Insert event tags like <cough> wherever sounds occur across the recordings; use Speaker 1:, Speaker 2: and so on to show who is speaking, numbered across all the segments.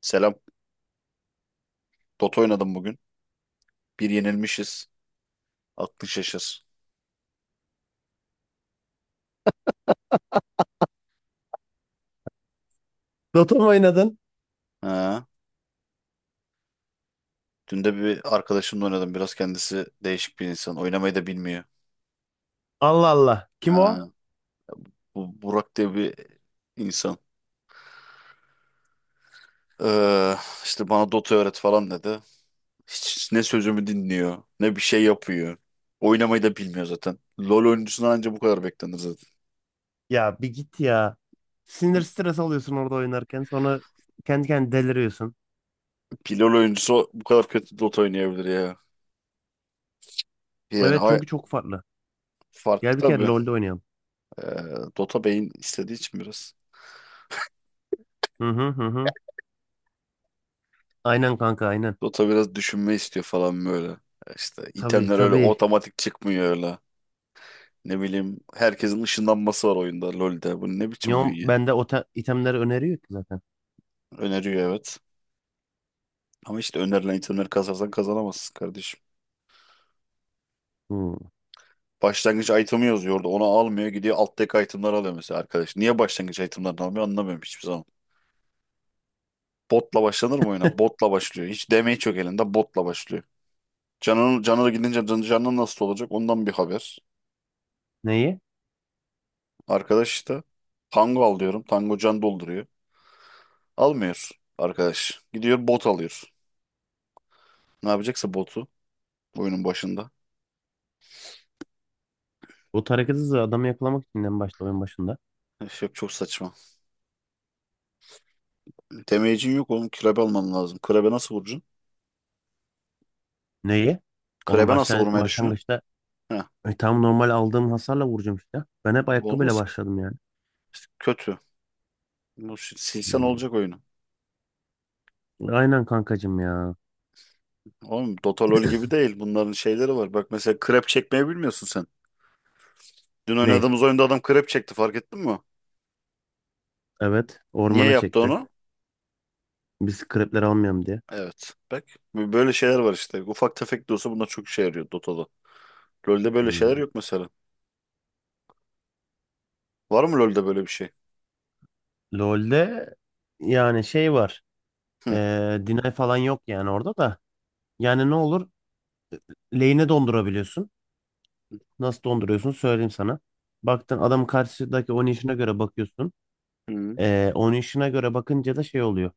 Speaker 1: Selam. Dota oynadım bugün. Bir yenilmişiz. Aklın şaşır.
Speaker 2: Dota mı oynadın?
Speaker 1: Ha. Dün de bir arkadaşımla oynadım. Biraz kendisi değişik bir insan. Oynamayı da bilmiyor.
Speaker 2: Allah Allah. Kim o?
Speaker 1: Ha. Bu Burak diye bir insan. Ee, işte bana Dota öğret falan dedi. Hiç ne sözümü dinliyor, ne bir şey yapıyor. Oynamayı da bilmiyor zaten. LoL oyuncusundan anca bu kadar beklenir zaten.
Speaker 2: Ya bir git ya. Sinir stres alıyorsun orada oynarken. Sonra kendi kendine deliriyorsun.
Speaker 1: Bir LoL oyuncusu bu kadar kötü Dota oynayabilir ya. Yani
Speaker 2: Evet çünkü çok farklı.
Speaker 1: farklı
Speaker 2: Gel bir kere
Speaker 1: tabii.
Speaker 2: LoL'de oynayalım.
Speaker 1: Ee, Dota beyin istediği için biraz.
Speaker 2: Hı hı hı hı. Aynen kanka aynen.
Speaker 1: Dota biraz düşünme istiyor falan böyle. Ya İşte
Speaker 2: Tabii
Speaker 1: itemler öyle
Speaker 2: tabii.
Speaker 1: otomatik çıkmıyor öyle. Ne bileyim herkesin ışınlanması var oyunda LoL'de. Bu ne biçim
Speaker 2: Neon
Speaker 1: oyun ya?
Speaker 2: bende o itemleri öneriyor ki zaten.
Speaker 1: Öneriyor evet. Ama işte önerilen itemleri kasarsan kazanamazsın kardeşim.
Speaker 2: Hı.
Speaker 1: Başlangıç itemi yazıyordu. Onu almıyor gidiyor alt deck itemler alıyor mesela arkadaş. Niye başlangıç itemlerini almıyor anlamıyorum hiçbir zaman. Botla başlanır mı oyuna? Botla başlıyor. Hiç damage yok elinde botla başlıyor. Canına gidince canın nasıl olacak ondan bir haber.
Speaker 2: Neyi?
Speaker 1: Arkadaş işte Tango al diyorum. Tango can dolduruyor. Almıyor arkadaş. Gidiyor bot alıyor. Ne yapacaksa botu oyunun başında.
Speaker 2: O hareketi hızı adamı yakalamak için en başta oyun başında.
Speaker 1: Üf, yok çok saçma. Demeyicin yok oğlum. Krebe alman lazım. Krebe nasıl vuracaksın?
Speaker 2: Neyi? Oğlum
Speaker 1: Krebe nasıl vurmayı düşünün?
Speaker 2: başlangıçta
Speaker 1: Heh.
Speaker 2: tam normal aldığım hasarla vuracağım işte. Ben hep ayakkabıyla
Speaker 1: Olmaz ki.
Speaker 2: başladım yani.
Speaker 1: İşte kötü. Bu silsen
Speaker 2: Hı.
Speaker 1: olacak oyunu.
Speaker 2: Aynen kankacım ya.
Speaker 1: Oğlum Dota LoL gibi değil. Bunların şeyleri var. Bak mesela krep çekmeyi bilmiyorsun sen. Dün
Speaker 2: Ney?
Speaker 1: oynadığımız oyunda adam krep çekti fark ettin mi?
Speaker 2: Evet,
Speaker 1: Niye
Speaker 2: ormana
Speaker 1: yaptı
Speaker 2: çekti.
Speaker 1: onu?
Speaker 2: Biz krepler almayalım diye.
Speaker 1: Evet. Bak böyle şeyler var işte. Ufak tefek de olsa bunlar çok işe yarıyor Dota'da. LoL'de böyle şeyler
Speaker 2: Hmm.
Speaker 1: yok mesela. Var mı LoL'de böyle bir şey?
Speaker 2: LoL'de yani şey var.
Speaker 1: Hı.
Speaker 2: Deny falan yok yani orada da. Yani ne olur? Lane'e dondurabiliyorsun. Nasıl donduruyorsun söyleyeyim sana. Baktın adam karşıdaki oynayışına göre bakıyorsun.
Speaker 1: Hı.
Speaker 2: Oynayışına göre bakınca da şey oluyor.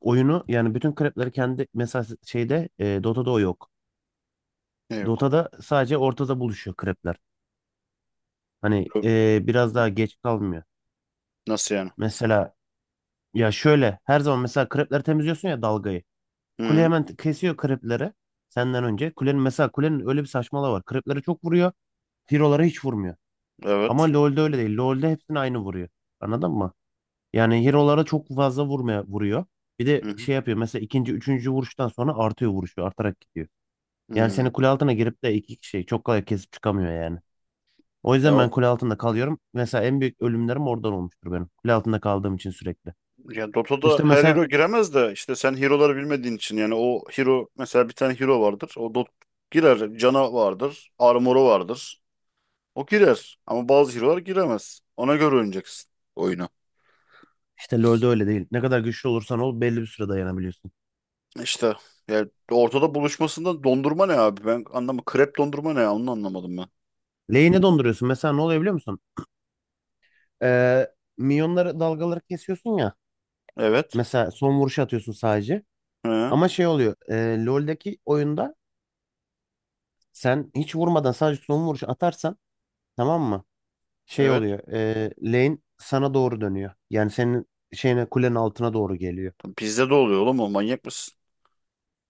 Speaker 2: Oyunu yani bütün krepleri kendi mesela şeyde Dota'da o yok.
Speaker 1: Yok.
Speaker 2: Dota'da sadece ortada buluşuyor krepler. Hani
Speaker 1: Yok.
Speaker 2: biraz daha geç kalmıyor.
Speaker 1: Nasıl yani?
Speaker 2: Mesela ya şöyle her zaman mesela krepleri temizliyorsun ya dalgayı. Kule
Speaker 1: Hı.
Speaker 2: hemen kesiyor krepleri senden önce. Kulenin mesela kulenin öyle bir saçmalığı var. Kreplere çok vuruyor. Hero'lara hiç vurmuyor.
Speaker 1: Evet.
Speaker 2: Ama LoL'de öyle değil. LoL'de hepsini aynı vuruyor. Anladın mı? Yani hero'lara çok fazla vurmaya vuruyor. Bir de
Speaker 1: Hı hı.
Speaker 2: şey yapıyor mesela ikinci, üçüncü vuruştan sonra artıyor vuruşu. Artarak gidiyor. Yani
Speaker 1: Hı.
Speaker 2: seni kule altına girip de iki kişiyi çok kolay kesip çıkamıyor yani. O
Speaker 1: Ya,
Speaker 2: yüzden ben kule altında kalıyorum. Mesela en büyük ölümlerim oradan olmuştur benim. Kule altında kaldığım için sürekli.
Speaker 1: ya Dota'da
Speaker 2: İşte
Speaker 1: her
Speaker 2: mesela
Speaker 1: hero giremez de işte sen hero'ları bilmediğin için yani o hero mesela bir tane hero vardır. O Dot girer. Cana vardır. Armor'u vardır. O girer. Ama bazı hero'lar giremez. Ona göre oynayacaksın oyunu.
Speaker 2: İşte LoL'de öyle değil. Ne kadar güçlü olursan ol belli bir süre dayanabiliyorsun.
Speaker 1: İşte yani ortada buluşmasında dondurma ne abi? Ben anlamı krep dondurma ne ya? Onu anlamadım ben.
Speaker 2: Lane'e donduruyorsun. Mesela ne oluyor biliyor musun? Ee, minyonları dalgaları kesiyorsun ya.
Speaker 1: Evet.
Speaker 2: Mesela son vuruşu atıyorsun sadece.
Speaker 1: Hı.
Speaker 2: Ama şey oluyor. LoL'deki oyunda sen hiç vurmadan sadece son vuruşu atarsan tamam mı? Şey
Speaker 1: Evet.
Speaker 2: oluyor. Lane sana doğru dönüyor. Yani senin şeyine kulenin altına doğru geliyor.
Speaker 1: Bizde de oluyor oğlum o manyak mısın?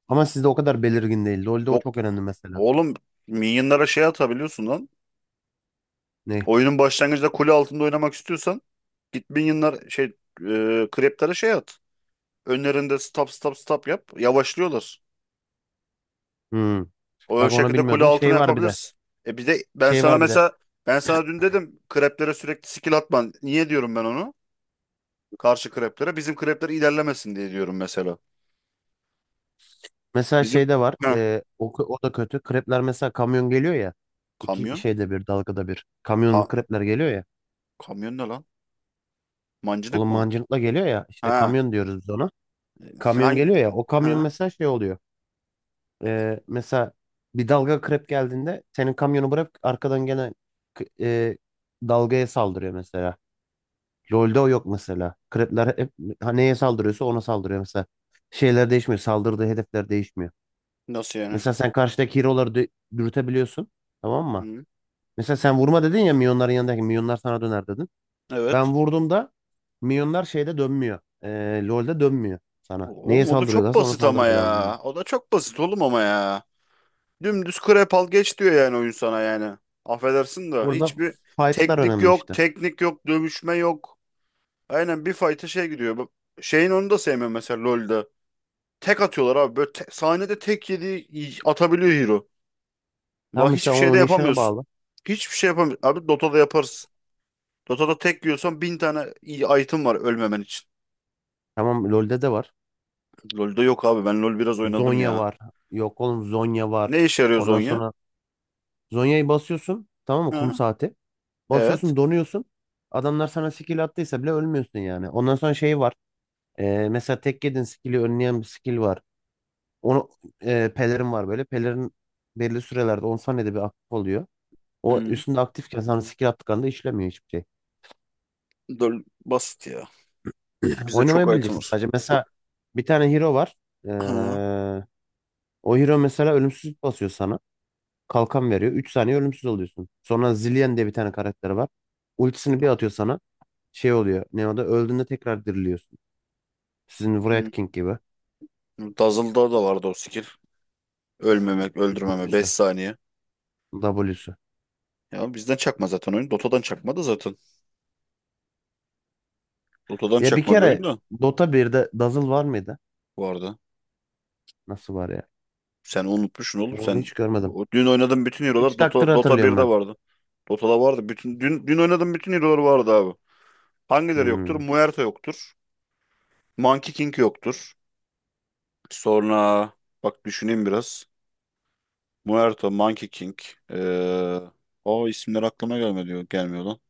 Speaker 2: Ama sizde o kadar belirgin değil. LoL'de o
Speaker 1: Bok.
Speaker 2: çok önemli mesela.
Speaker 1: Oğlum minyonlara şey atabiliyorsun lan.
Speaker 2: Ne?
Speaker 1: Oyunun başlangıcında kule altında oynamak istiyorsan git minyonlar şey kreplere şey at. Önlerinde stop stop stop yap. Yavaşlıyorlar.
Speaker 2: Hmm.
Speaker 1: O
Speaker 2: Bak onu
Speaker 1: şekilde kule
Speaker 2: bilmiyordum.
Speaker 1: altına
Speaker 2: Şey var bir de.
Speaker 1: yapabilirsin. E bir de
Speaker 2: Şey var bir de.
Speaker 1: ben sana dün dedim kreplere sürekli skill atman. Niye diyorum ben onu? Karşı kreplere. Bizim krepler ilerlemesin diye diyorum mesela.
Speaker 2: Mesela
Speaker 1: Bizim
Speaker 2: şeyde var.
Speaker 1: Heh.
Speaker 2: O da kötü. Krepler mesela kamyon geliyor ya. İki
Speaker 1: Kamyon
Speaker 2: şeyde bir dalgada bir. Kamyon
Speaker 1: Ka-
Speaker 2: krepler geliyor ya.
Speaker 1: kamyon ne lan? Mancınık
Speaker 2: Oğlum
Speaker 1: mı?
Speaker 2: mancınıkla geliyor ya. İşte
Speaker 1: Ha.
Speaker 2: kamyon diyoruz biz ona. Kamyon
Speaker 1: Hangi
Speaker 2: geliyor ya. O kamyon
Speaker 1: ha?
Speaker 2: mesela şey oluyor. Mesela bir dalga krep geldiğinde senin kamyonu bırak arkadan gene k- e, dalgaya saldırıyor mesela. LoL'de o yok mesela. Krepler hep ha, neye saldırıyorsa ona saldırıyor mesela. Şeyler değişmiyor. Saldırdığı hedefler değişmiyor.
Speaker 1: Nasıl yani?
Speaker 2: Mesela sen karşıdaki dürütebiliyorsun. Tamam mı?
Speaker 1: Hı.
Speaker 2: Mesela sen vurma dedin ya milyonların yanındaki milyonlar sana döner dedin.
Speaker 1: Evet.
Speaker 2: Ben vurduğumda milyonlar şeyde dönmüyor. LoL'de dönmüyor sana. Neye
Speaker 1: Oğlum o da çok
Speaker 2: saldırıyorlarsa ona
Speaker 1: basit ama
Speaker 2: saldırmaya devam ediyorlar.
Speaker 1: ya. O da çok basit oğlum ama ya. Dümdüz krep al geç diyor yani oyun sana yani. Affedersin de
Speaker 2: Burada
Speaker 1: hiçbir
Speaker 2: fight'lar
Speaker 1: teknik
Speaker 2: önemli
Speaker 1: yok,
Speaker 2: işte.
Speaker 1: teknik yok, dövüşme yok. Aynen bir fight'a şey gidiyor. Bu- Şeyin onu da sevmiyorum mesela lol'da. Tek atıyorlar abi. Böyle sahnede tek yedi atabiliyor hero. Bak
Speaker 2: Tam işte
Speaker 1: hiçbir
Speaker 2: o
Speaker 1: şey de
Speaker 2: oynayışına
Speaker 1: yapamıyorsun.
Speaker 2: bağlı.
Speaker 1: Hiçbir şey yapamıyorsun. Abi Dota'da yaparız. Dota'da tek yiyorsan bin tane iyi item var ölmemen için.
Speaker 2: Tamam LoL'de de var.
Speaker 1: Lol'da yok abi. Ben LoL biraz oynadım
Speaker 2: Zonya
Speaker 1: ya.
Speaker 2: var. Yok oğlum Zonya var.
Speaker 1: Ne işe yarıyor
Speaker 2: Ondan
Speaker 1: Zonya?
Speaker 2: sonra Zonya'yı basıyorsun. Tamam mı? Kum
Speaker 1: Ha?
Speaker 2: saati.
Speaker 1: Evet.
Speaker 2: Basıyorsun donuyorsun. Adamlar sana skill attıysa bile ölmüyorsun yani. Ondan sonra şey var. Mesela tek yedin skill'i önleyen bir skill var. Onu Pelerin var böyle. Pelerin belli sürelerde 10 saniyede bir aktif oluyor. O
Speaker 1: Hmm,
Speaker 2: üstünde aktifken sana skill attıklarında işlemiyor hiçbir şey.
Speaker 1: basit ya.
Speaker 2: <clears throat>
Speaker 1: Bizde çok
Speaker 2: Oynamayı
Speaker 1: item
Speaker 2: bileceksin
Speaker 1: var.
Speaker 2: sadece. Mesela
Speaker 1: Yok.
Speaker 2: bir tane hero var. Ee,
Speaker 1: Ha.
Speaker 2: o hero mesela ölümsüzlük basıyor sana. Kalkan veriyor. 3 saniye ölümsüz oluyorsun. Sonra Zillion diye bir tane karakter var. Ultisini bir atıyor sana. Şey oluyor. Ne o da öldüğünde tekrar diriliyorsun. Sizin
Speaker 1: Hmm.
Speaker 2: Wraith King gibi.
Speaker 1: Dazzle'da da vardı o skill. Ölmemek, öldürmeme 5
Speaker 2: W'su.
Speaker 1: saniye.
Speaker 2: W'su.
Speaker 1: Ya bizden çakma zaten oyun. Dota'dan çakma da zaten. Dota'dan
Speaker 2: Ya bir
Speaker 1: çakma bir
Speaker 2: kere
Speaker 1: oyun da
Speaker 2: Dota 1'de Dazzle var mıydı?
Speaker 1: vardı.
Speaker 2: Nasıl var ya?
Speaker 1: Sen unutmuşsun oğlum.
Speaker 2: Ben onu
Speaker 1: Sen
Speaker 2: hiç görmedim.
Speaker 1: dün oynadığın bütün
Speaker 2: Üç
Speaker 1: hero'lar
Speaker 2: takdir
Speaker 1: Dota
Speaker 2: hatırlıyorum
Speaker 1: 1'de
Speaker 2: ben.
Speaker 1: vardı. Dota'da vardı. Bütün dün oynadığım bütün hero'lar vardı abi. Hangileri yoktur?
Speaker 2: Hmm.
Speaker 1: Muerta yoktur. Monkey King yoktur. Sonra bak düşüneyim biraz. Muerto, Monkey King. Ee, o isimler aklıma gelmiyor lan.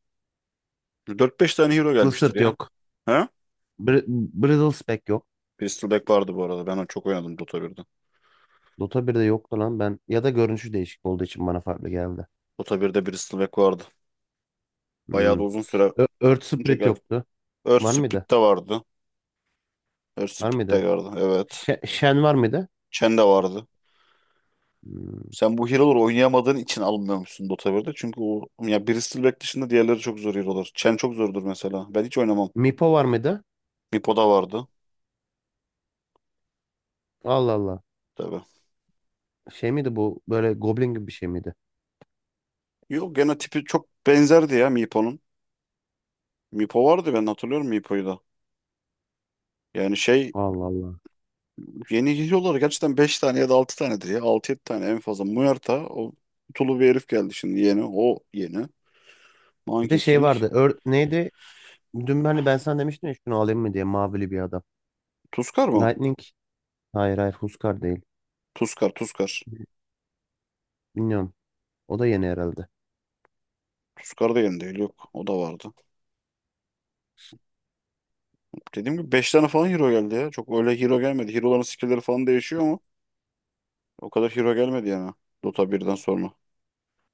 Speaker 1: 4-5 tane hero
Speaker 2: Kılı
Speaker 1: gelmiştir
Speaker 2: sırt
Speaker 1: ya.
Speaker 2: yok.
Speaker 1: He?
Speaker 2: Brittle spec yok.
Speaker 1: Bristol Beck vardı bu arada. Ben onu çok oynadım Dota birde.
Speaker 2: Dota 1'de yoktu lan ben. Ya da görünüşü değişik olduğu için bana farklı geldi.
Speaker 1: Dota 1'de Bristol Beck vardı. Bayağı da
Speaker 2: Hmm.
Speaker 1: uzun süre
Speaker 2: Earth
Speaker 1: önce
Speaker 2: Spirit
Speaker 1: geldi.
Speaker 2: yoktu.
Speaker 1: Earth
Speaker 2: Var mıydı?
Speaker 1: Split de vardı. Earth
Speaker 2: Var
Speaker 1: Split
Speaker 2: mıydı?
Speaker 1: de vardı. Evet.
Speaker 2: Shen var mıydı?
Speaker 1: Chen de vardı.
Speaker 2: Hmm.
Speaker 1: Sen bu hero'ları oynayamadığın için alınmamışsın Dota birde? Çünkü o ya Bristol Beck dışında diğerleri çok zor hero'lar. Chen çok zordur mesela. Ben hiç oynamam.
Speaker 2: Meepo var mıydı?
Speaker 1: Meepo da vardı.
Speaker 2: Allah Allah.
Speaker 1: Tabii.
Speaker 2: Şey miydi bu? Böyle goblin gibi bir şey miydi?
Speaker 1: Yok gene tipi çok benzerdi ya Meepo'nun. Mipo vardı ben hatırlıyorum Mipo'yu da. Yani şey
Speaker 2: Allah Allah.
Speaker 1: yeni geliyorlar gerçekten 5 tane ya da 6 tanedir ya. 6 yedi tane en fazla. Muerta o tulu bir herif geldi şimdi yeni. O yeni.
Speaker 2: Bir de
Speaker 1: Monkey
Speaker 2: şey
Speaker 1: King.
Speaker 2: vardı. Earth neydi? Dün hani ben sana demiştim ya şunu alayım mı diye mavili bir adam.
Speaker 1: Tuskar mı?
Speaker 2: Lightning. Hayır, hayır, Huskar değil.
Speaker 1: Tuskar Tuskar.
Speaker 2: Bilmiyorum. O da yeni herhalde.
Speaker 1: Tuskar da yeni değil yok. O da vardı. Dediğim gibi 5 tane falan hero geldi ya. Çok öyle hero gelmedi. Hero'ların skill'leri falan değişiyor ama o kadar hero gelmedi yani. Dota 1'den sonra.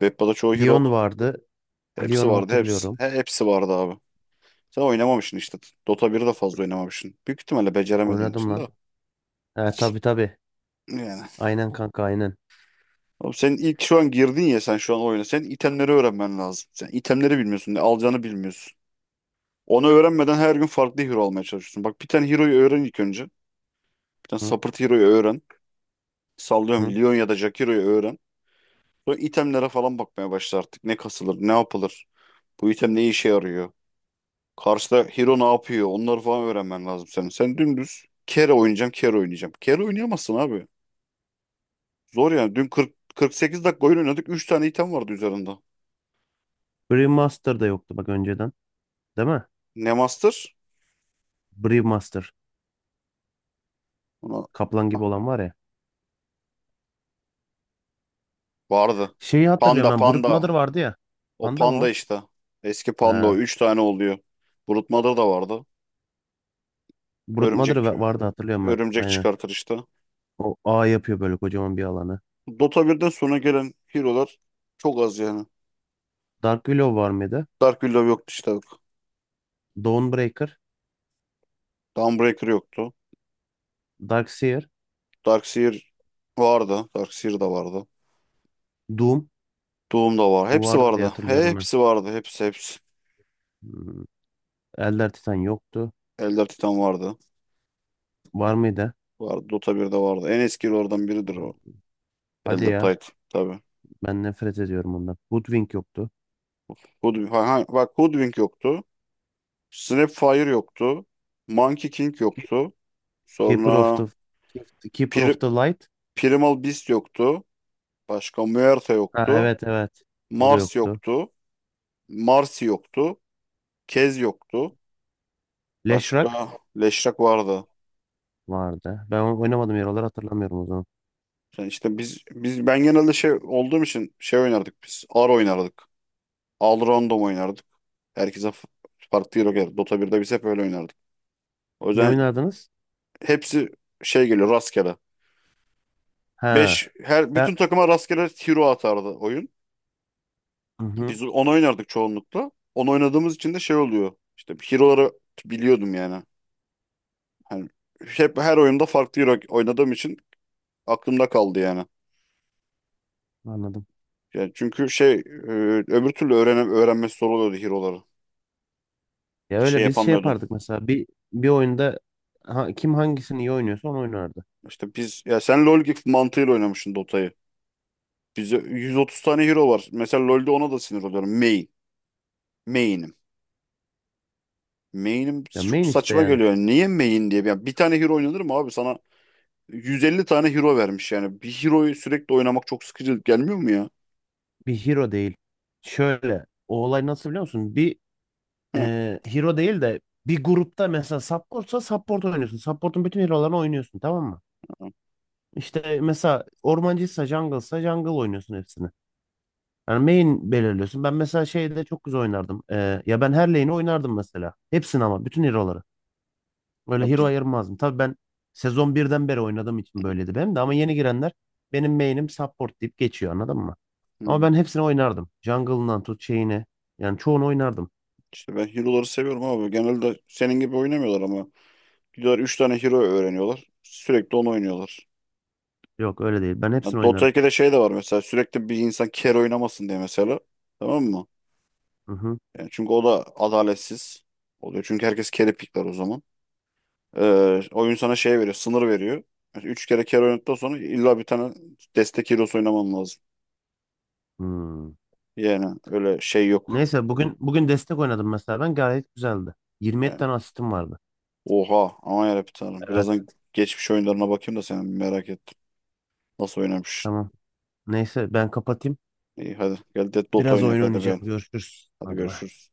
Speaker 1: Veppa'da çoğu hero
Speaker 2: Leon
Speaker 1: var.
Speaker 2: vardı.
Speaker 1: Hepsi
Speaker 2: Lyon'u
Speaker 1: vardı hepsi.
Speaker 2: hatırlıyorum.
Speaker 1: He, hepsi vardı abi. Sen oynamamışsın işte. Dota 1'i de fazla oynamamışsın. Büyük ihtimalle beceremediğin
Speaker 2: Oynadım
Speaker 1: için
Speaker 2: lan.
Speaker 1: de.
Speaker 2: He tabii, tabii.
Speaker 1: Yani.
Speaker 2: Aynen kanka aynen.
Speaker 1: Oğlum sen ilk şu an girdin ya sen şu an oyuna. Sen itemleri öğrenmen lazım. Sen itemleri bilmiyorsun. Ne alacağını bilmiyorsun. Onu öğrenmeden her gün farklı hero almaya çalışıyorsun. Bak bir tane hero'yu öğren ilk önce. Bir tane
Speaker 2: Hı
Speaker 1: support hero'yu öğren. Sallıyorum
Speaker 2: hı.
Speaker 1: Leon ya da Jack hero'yu öğren. Sonra itemlere falan bakmaya başla artık. Ne kasılır, ne yapılır. Bu item ne işe yarıyor. Karşıda hero ne yapıyor. Onları falan öğrenmen lazım senin. Sen dümdüz kere oynayacağım, kere oynayacağım. Kere oynayamazsın abi. Zor yani. Dün 48 dakika oyun oynadık. Üç tane item vardı üzerinde.
Speaker 2: Brewmaster da yoktu bak önceden. Değil mi?
Speaker 1: Ne master?
Speaker 2: Brewmaster.
Speaker 1: Ona...
Speaker 2: Kaplan
Speaker 1: Ah,
Speaker 2: gibi olan var ya.
Speaker 1: vardı.
Speaker 2: Şeyi hatırlıyorum
Speaker 1: Panda
Speaker 2: ben. Brute Mother
Speaker 1: panda.
Speaker 2: vardı ya.
Speaker 1: O
Speaker 2: Panda mı
Speaker 1: panda
Speaker 2: o?
Speaker 1: işte. Eski panda o.
Speaker 2: He.
Speaker 1: Üç tane oluyor. Brute Mother da vardı.
Speaker 2: Brute
Speaker 1: Örümcek
Speaker 2: Mother vardı hatırlıyorum ben.
Speaker 1: örümcek
Speaker 2: Aynen.
Speaker 1: çıkartır işte.
Speaker 2: O ağ yapıyor böyle kocaman bir alanı.
Speaker 1: Dota 1'den sonra gelen hero'lar çok az yani.
Speaker 2: Dark Willow var mıydı?
Speaker 1: Dark Willow yoktu işte.
Speaker 2: Dawnbreaker.
Speaker 1: Dawnbreaker yoktu.
Speaker 2: Darkseer.
Speaker 1: Darkseer vardı. Darkseer de vardı.
Speaker 2: Doom.
Speaker 1: Doom da var.
Speaker 2: Bu
Speaker 1: Hepsi
Speaker 2: vardı diye
Speaker 1: vardı.
Speaker 2: hatırlıyorum ben.
Speaker 1: Hepsi vardı. Hepsi hepsi.
Speaker 2: Hmm. Elder Titan yoktu.
Speaker 1: Elder Titan vardı.
Speaker 2: Var mıydı?
Speaker 1: Vardı. Dota birde vardı. En eski hero'lardan biridir o.
Speaker 2: Hadi
Speaker 1: Elder
Speaker 2: ya.
Speaker 1: Titan. Tabii.
Speaker 2: Ben nefret ediyorum ondan. Hoodwink yoktu.
Speaker 1: Hoodwink. Ha, ha, bak Hoodwink yoktu. Snapfire yoktu. Monkey King yoktu.
Speaker 2: Keeper of
Speaker 1: Sonra
Speaker 2: the Keeper of
Speaker 1: Pri-
Speaker 2: the Light.
Speaker 1: Primal Beast yoktu. Başka Muerta
Speaker 2: Ha,
Speaker 1: yoktu.
Speaker 2: evet, evet. O da
Speaker 1: Mars
Speaker 2: yoktu.
Speaker 1: yoktu. Marsi yoktu. Kez yoktu.
Speaker 2: Flash Rock
Speaker 1: Başka Leşrak vardı.
Speaker 2: vardı. Ben onu oynamadım yaraları hatırlamıyorum o zaman.
Speaker 1: Yani işte biz biz ben genelde şey olduğum için şey oynardık biz. AR oynardık. Al Random oynardık. Herkese farklı hero geldi. Dota birde biz hep öyle oynardık. O
Speaker 2: Ne
Speaker 1: yüzden
Speaker 2: oynardınız?
Speaker 1: hepsi şey geliyor rastgele.
Speaker 2: Ha.
Speaker 1: 5 her
Speaker 2: Ya,
Speaker 1: bütün takıma rastgele hero atardı oyun.
Speaker 2: hı hı,
Speaker 1: Biz onu oynardık çoğunlukla. Onu oynadığımız için de şey oluyor. İşte hero'ları biliyordum yani. Hani hep her oyunda farklı hero oynadığım için aklımda kaldı yani.
Speaker 2: anladım.
Speaker 1: Yani çünkü şey öbür türlü öğrenmesi zor oluyordu hero'ları.
Speaker 2: Ya
Speaker 1: Şey
Speaker 2: öyle biz şey
Speaker 1: yapamıyordun.
Speaker 2: yapardık mesela bir oyunda ha, kim hangisini iyi oynuyorsa onu oynardı.
Speaker 1: İşte biz ya sen LoL gibi mantığıyla oynamışsın Dota'yı. Bize 130 tane hero var. Mesela LoL'de ona da sinir oluyorum. Main. Main'im. Main'im
Speaker 2: Ya
Speaker 1: çok
Speaker 2: main işte
Speaker 1: saçma
Speaker 2: yani.
Speaker 1: geliyor. Niye main diye? Yani bir tane hero oynanır mı abi? Sana 150 tane hero vermiş yani. Bir hero'yu sürekli oynamak çok sıkıcı gelmiyor mu ya?
Speaker 2: Bir hero değil. Şöyle o olay nasıl biliyor musun?
Speaker 1: Heh.
Speaker 2: Hero değil de bir grupta mesela supportsa support oynuyorsun. Support'un bütün hero'larını oynuyorsun tamam mı? İşte mesela ormancıysa jungle'sa jungle oynuyorsun hepsini. Yani main belirliyorsun. Ben mesela şeyde çok güzel oynardım. Ya ben her lane'i oynardım mesela. Hepsini ama bütün hero'ları. Böyle
Speaker 1: Ya
Speaker 2: hero
Speaker 1: biz,
Speaker 2: ayırmazdım. Tabii ben sezon birden beri oynadığım için böyleydi benim de. Ama yeni girenler benim main'im support deyip geçiyor anladın mı? Ama
Speaker 1: hmm.
Speaker 2: ben hepsini oynardım. Jungle'ından tut şeyine. Yani çoğunu oynardım.
Speaker 1: İşte ben hero'ları seviyorum abi. Genelde senin gibi oynamıyorlar ama. Gidiyorlar 3 tane hero öğreniyorlar. Sürekli onu oynuyorlar.
Speaker 2: Yok öyle değil. Ben
Speaker 1: Ya
Speaker 2: hepsini
Speaker 1: Dota
Speaker 2: oynarım.
Speaker 1: 2'de şey de var mesela. Sürekli bir insan carry oynamasın diye mesela. Tamam mı?
Speaker 2: Hı hı.
Speaker 1: Yani çünkü o da adaletsiz oluyor. Çünkü herkes carry pickler o zaman. Oyun sana şey veriyor. Sınır veriyor. Mesela 3 kere carry oynadıktan sonra illa bir tane destek hero'su oynaman lazım.
Speaker 2: Hmm.
Speaker 1: Yani öyle şey yok.
Speaker 2: Neyse bugün destek oynadım mesela ben gayet güzeldi. 27
Speaker 1: Ee,
Speaker 2: tane asistim vardı.
Speaker 1: Oha aman yarabbim tanrım.
Speaker 2: Evet.
Speaker 1: Birazdan geçmiş oyunlarına bakayım da senin merak ettim. Nasıl oynamış?
Speaker 2: Tamam. Neyse ben kapatayım.
Speaker 1: İyi hadi gel de Dota
Speaker 2: Biraz
Speaker 1: oynayak
Speaker 2: oyun
Speaker 1: hadi
Speaker 2: oynayacağım.
Speaker 1: ben.
Speaker 2: Görüşürüz.
Speaker 1: Hadi
Speaker 2: Hadi bay.
Speaker 1: görüşürüz.